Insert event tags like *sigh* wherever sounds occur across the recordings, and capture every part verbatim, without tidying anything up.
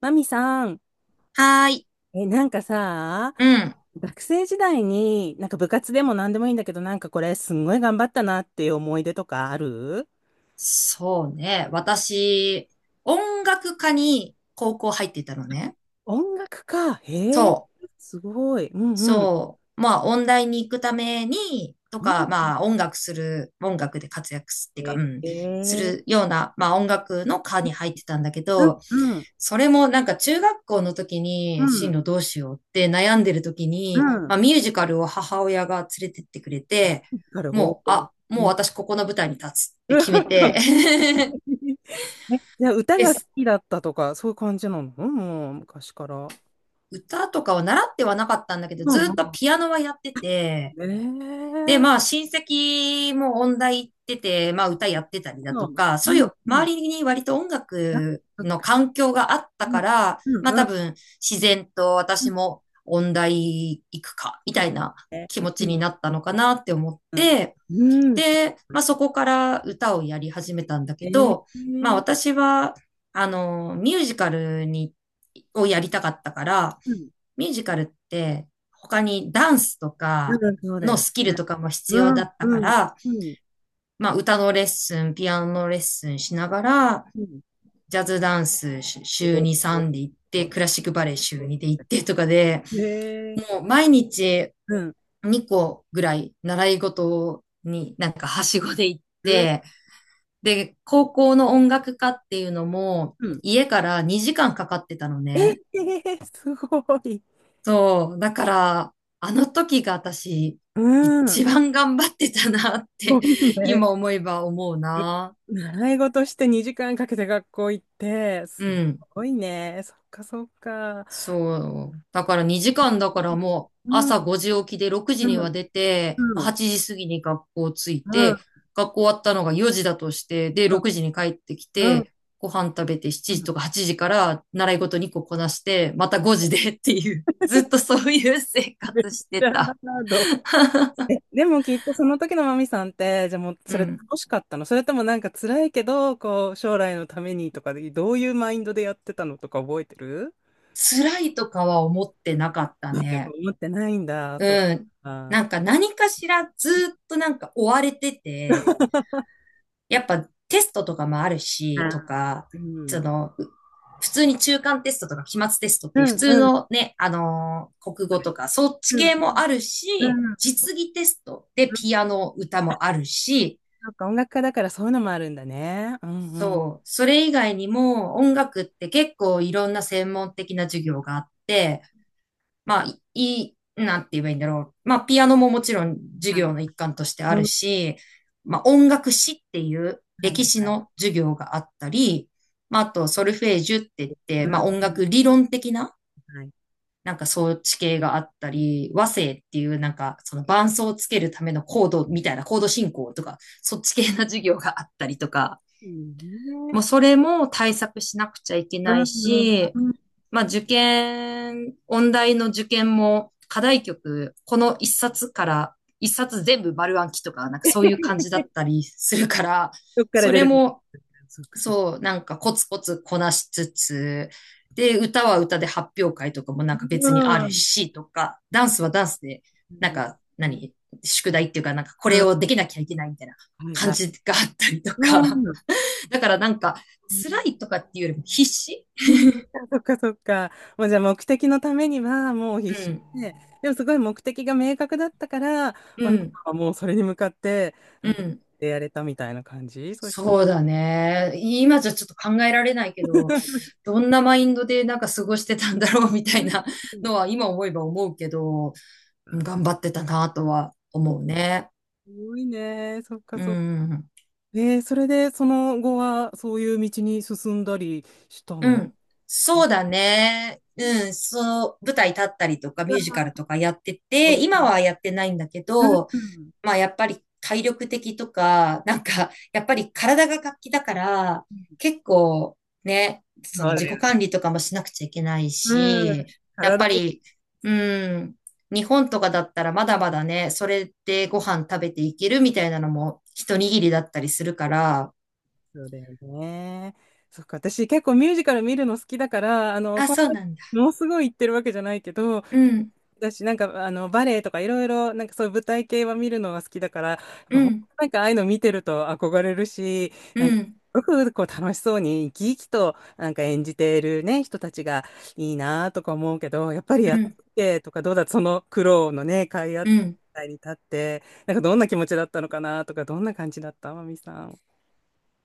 マミさん、はーい。え、なんかさ、うん。学生時代に、なんか部活でも何でもいいんだけど、なんかこれすんごい頑張ったなっていう思い出とかある？そうね。私、音楽科に高校入ってたのね。音楽か。そへえ、う。すごい。うんうん。そそう。まあ、音大に行くために、とうなんだか、ね。まあ、音楽する、音楽で活躍すっていうか、へうん、すえ、るような、まあ、音楽の科に入ってたんだけうんど、うん、それもなんか中学校の時うに進ん、路どうしようって悩んでる時うに、まん。あ、ミュージカルを母親が連れてってくれて、なるほもう、ど。あ、うもうん。 私ここの舞台に立つって決めて *laughs* *laughs* え、じゃあ歌でが好す。きだったとか、そういう感じなの？うん、もう昔から。歌とかは習ってはなかったんだけど、うずんっうとん。ピアノはやってて、えで、え、まあ親戚も音大行ってて、まあ歌やってたりだうとか、そういんうう周ん。りに割と音あ、楽そっのか。環境があったうんから、うまんあう多ん。分自然と私も音大行くか、みたいなね。気持うちにん。なったのかなって思っうん。て、うん。で、まあそこから歌をやり始めたんだえけえど、まあー。私は、あの、ミュージカルに、をやりたかったから、うん。ミュージカルって他にダンスとかうんそうだのよね。スキルとかも必う要だん、ったかうん、ら、うん、まあ歌のレッスン、ピアノのレッスンしながら、うん。ジャズダンスしお週ーに、おさんで行って、ークラシックバレエ週おにで行ってとかで、ーえもー。う毎日うん。にこぐらい習い事になんかはしごで行っう、て、で、高校の音楽科っていうのも、うん。家からにじかんかかってたのえね。ー、すごい。そう。だから、あの時が私、うん。一番頑張ってたなっすごて、いね。今思えば思うな。習い事してにじかんかけて学校行って、うすん。ごいね。そっかそっか。そう。だからにじかんだからもううん、朝ごじ起きでろくじうん、には出て、うん、うん、はちじ過ぎに学校着いて、学校終わったのがよじだとして、で、ろくじに帰ってきうん、て、ご飯食べてうしちじん。とかはちじから習い事にここなして、またごじで *laughs* っていう、ずっとそういう生活してじゃた。あ、どう。 *laughs* え、でもきっとその時のマミさんって、じゃあもううそれん。楽しかったの？それともなんか辛いけど、こう将来のためにとかで、どういうマインドでやってたのとか覚えてる？辛いとかは思ってなかったうん、やっぱね。思ってないんだ、そううん。か。なんか何かしらずっとなんか追われてて、やっぱテストとかもあるし、とあ、か、うん。その、う普通に中間テストとか期末テストっうていうん普うん通うんのね、あのー国語とかそっちうん系もあるうし、ん。実技テストでピアノ歌もあるし、なんか音楽家だからそういうのもあるんだね。うんうん。そう、それ以外にも音楽って結構いろんな専門的な授業があって、まあ、いい、なんて言えばいいんだろう。まあ、ピアノももちろん授はい。業の一環としてあうるん。し、まあ、音楽史っていうはいは歴史い。の授業があったり、まあ、あと、ソルフェージュって言って、うまあ、ん音う楽ん。理論的な、はい。なんか装置系があったり、和声っていう、なんか、その伴奏をつけるためのコードみたいな、コード進行とか、そっち系な授業があったりとか、いいね、うんね。もうそれも対策しなくちゃいけうないんし、うん。まあ、受験、音大の受験も課題曲、この一冊から一冊全部丸暗記とか、なんかそういう感じだったりするから、どっからそ出れるか。も、そうか。そうか。そう、なんかコツコツこなしつつ、で、歌は歌で発表会とかもなんかう別にあるんし、とか、ダンスはダンスで、うなんん。か、何、宿題っていうか、なんかこうれん。をできなきゃいけないみたいなはい感はい。じがあったりとか。うん。だからなんか、辛いとかっていうよりも必死。うん。そっか。 *laughs* そっかそっか。もうじゃあ目的のためにはもうう必死ん、で、でもすごい目的が明確だったから、うまあ、皆さんん、はもうそれに向かって、うなんかん。やれたみたいな感じ、そうしたら。そうだね。今じゃちょっと考えられないけど、どんなマインドでなんか過ごしてたんだろうみたういなん。のは今思えば思うけど、うん頑張ってたなとは思うね。すごいね。そっかうそっか。ん。えー、それでその後はそういう道に進んだりしたうの？ん。そうだね。うん。そう、舞台立ったりとかミュージカルとかやってて、今はやってないんだけど、まあやっぱり体力的とか、なんか *laughs* やっぱり体が活気だから、結構ね、その自己管理とかもしなくちゃいけないし、やっぱ体、り、うん、日本とかだったらまだまだね、それでご飯食べていけるみたいなのも一握りだったりするから、そうだよね。そっか、私結構ミュージカル見るの好きだから、あの、あ、そんそうなになんだ。ものすごい言ってるわけじゃないけど、う結ん、構だし、なんか、あの、バレエとかいろいろ、なんかそういう舞台系は見るのが好きだから、やっぱうほんとん、なんかああいうの見てると憧れるし、うなんか、すん、ごくこう楽しそうに生き生きとなんか演じているね、人たちがいいなとか思うけど、やっぱりやうってん、て、とかどうだ、その苦労のね、かいあったうん。舞台に立って、なんかどんな気持ちだったのかなとか、どんな感じだった、まみさん。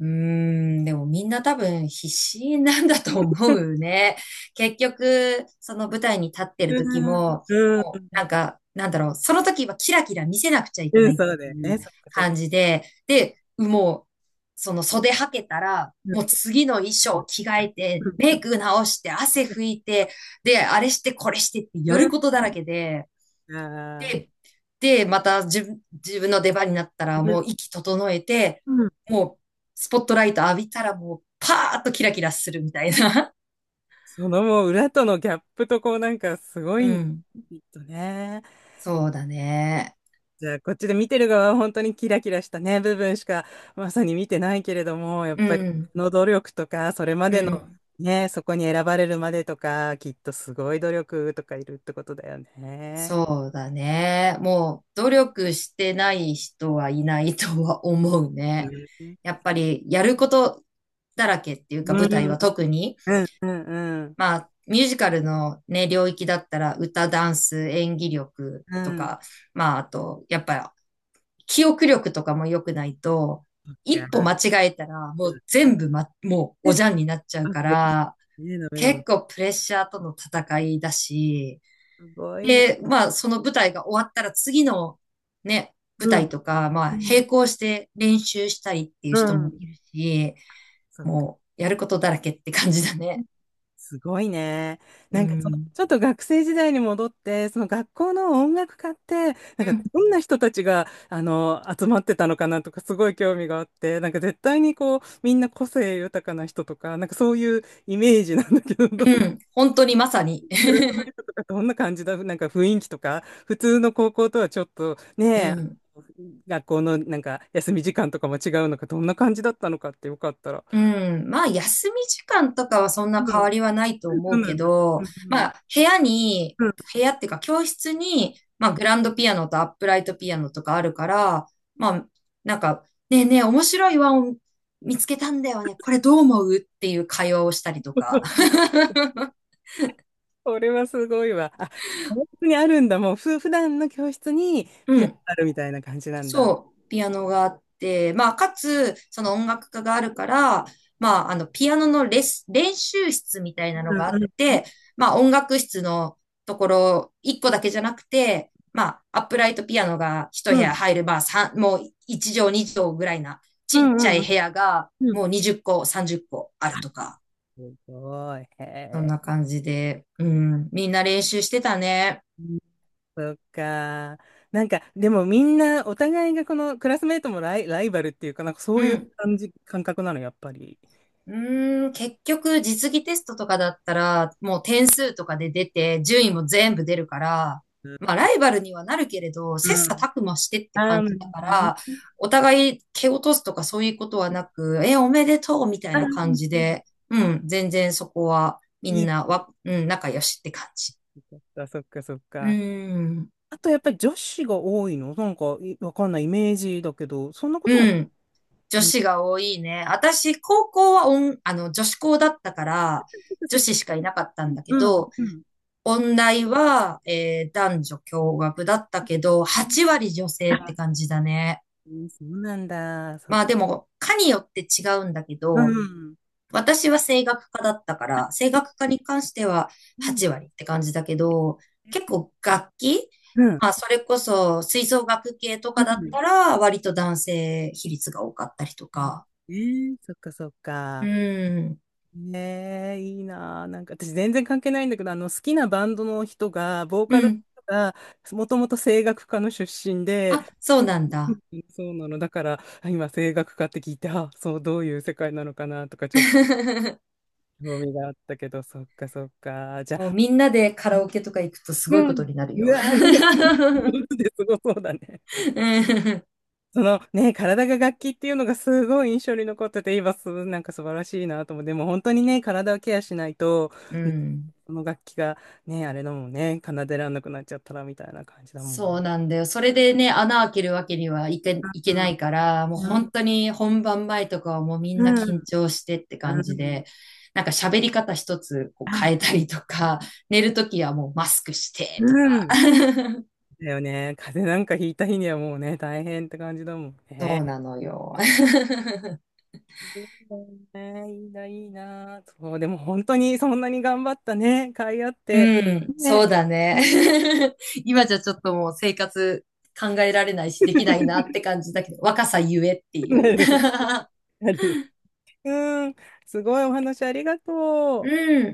うーん、でもみんな多分必死なんだと思うね。*laughs* 結局、その舞台に立ってる時うん、も、うなん、んか、なんだろう、その時はキラキラ見せなくちゃいけうなん、いっそうだてよいね。うそっかそっか。感じで、で、もう、その袖はけたら、もう次の衣装着替えて、うメイク直して、汗拭いて、で、あれしてこれしてってん、やることだらうけで、ん。あで、で、また自分、自分の出番になったらもうー、息整えて、うん。もうスポットライト浴びたらもうパーッとキラキラするみたいな。そのもう裏とのギャップとこうなんかすご *laughs* ういん、きん。っとね。そうだね。じゃあこっちで見てる側は本当にキラキラしたね、部分しかまさに見てないけれども、やっうぱりん。その努力とか、それまうでのん。ね、そこに選ばれるまでとか、きっとすごい努力とかいるってことだよね。そうだね。もう努力してない人はいないとは思うね。うん、やっぱりやることだらけっていうかう舞台ん、は特に。うん、うん、うん。まあ、ミュージカルのね、領域だったら歌、ダンス、演技力うとん。か、まあ、あと、やっぱ、り記憶力とかも良くないと、そっ一歩か。間違えたら、もう全部ま、もうおじゃんになっちゃうあ、かです。ら、ねえ、ダメだも結ん。構プレッシャーとの戦いだし、すごいね。で、まあ、その舞台が終わったら次のね、舞う台ん。とか、まうあ、ん。並行して練習したりっていうう人もん。いるし、そっか。もう、やることだらけって感じだね。すごいね。うなんかその、ん。ちょっと学生時代に戻って、その学校の音楽家って、なんうかんどんな人たちが、あの、集まってたのかなとか、すごい興味があって、なんか絶対にこう、みんな個性豊かな人とか、なんかそういうイメージなんだけど、どう？うん、本当にまさに。*laughs* クラスメイトとかどんな感じだ、なんか雰囲気とか、普通の高校とはちょっとうね、ん。学校のなんか休み時間とかも違うのか、どんな感じだったのかってよかったら。うん。まあ、休み時間とかはそんうな変ん、わりはないとそ思ううなけんだ。ど、うまんあ、部屋に、うん。うん。 部屋っていうか教室に、まあ、グランドピアノとアップライトピアノとかあるから、まあ、なんか、ねえねえ、面白い和音見つけたんだよね。これどう思うっていう会話をしたりとか。*laughs* これはすごいわ。あ、教室にあるんだ。もう、ふ、普段の教室に *laughs* うピアノん。あるみたいな感じなんだ。そう、ピアノがあって、まあ、かつ、その音楽家があるから、まあ、あの、ピアノのレス、練習室みたいうなのがあんうっん。て、まあ、音楽室のところ、いっこだけじゃなくて、まあ、アップライトピアノがひとう部屋ん入る、まあ、さんもういち畳に畳ぐらいな、うちっちゃんうんういん。部屋が、うん、もうにじゅっこ、さんじゅっこあるとか、すごい。へそんえ。な感じで、うん、みんな練習してたね。そっか。なんか、でもみんな、お互いがこのクラスメートもライ、ライバルっていうかなんかそうういん。う感じ、感覚なの、やっぱり。うーん、結局実技テストとかだったら、もう点数とかで出て、順位も全部出るから、うんまあライバルにはなるけれど、う切磋ん。琢磨してってああ、感なるじだかほら、どね。お互い蹴落とすとかそういうことはなく、え、おめでとうみたいな感じあで、うー、ん、全然そこはみいんい。なわ、うん、仲良しって感じ。そっか、そっか、そっうーか。ん、あと、やっぱり女子が多いのなんか、いわかんないイメージだけど、そんなこうとも。ん、女うん。子が多いね。私、高校はおんあの、女子校だったから、そっか女そっか。子しかいなかったんだけうん。ど、うん音大は、えー男女共学だったけど、うはち割女性って感じだね。ん、そうなんだ。そっまあか。でも、科によって違うんだけうど、ん。私は声楽科だったから、声楽科に関してはうん。はち割って感じだけど、結構楽器、うん。まあそれこそ吹奏楽系とかだったら、割と男性比率が多かったりとうん。か。えー、そっか、そっうか。ん、ねえ、いいなあ。なんか私全然関係ないんだけど、あの好きなバンドの人が、ボーうカルん。の人が、もともと声楽家の出身で、あ、そうなんうだ。ん、そうなの。だから、あ、今声楽家って聞いて、あ、そう、どういう世界なのかなとか、ちょっと *laughs* 興味があったけど、そっかそっか。じゃもうあ、みんなでカラオケとか行くとすうごいことん。になるうよ。わあ、*laughs* ね、本 *laughs* 当ですごそうだね。うんそのね、体が楽器っていうのがすごい印象に残ってて、今す、なんか素晴らしいなと思う。でも本当にね、体をケアしないと、うね、ん。その楽器がね、あれだもんね、奏でらんなくなっちゃったらみたいな感じだもんね。そうなんだよ。それでね、穴開けるわけにはいけ、いうけんないから、もううん本当に本番前とかはもうみんうな緊ん張してって感うじんで、なんか喋り方一つこう変えたりとか、寝るときはもうマスクしてとか。うん、 *laughs* だよね。風邪なんかひいた日にはもうね、大変って感じだもんそね。うなのよ。*laughs* いいね、いいな、いいな。そう、でも本当にそんなに頑張ったね、甲斐あって。うん、そね。うだね。*laughs* *laughs* 今じゃちょっともう生活考えられないし、できないなって感じだけど、若さゆえっていなう。るなるよ、うん、すごいお話ありが *laughs* うとう。ん。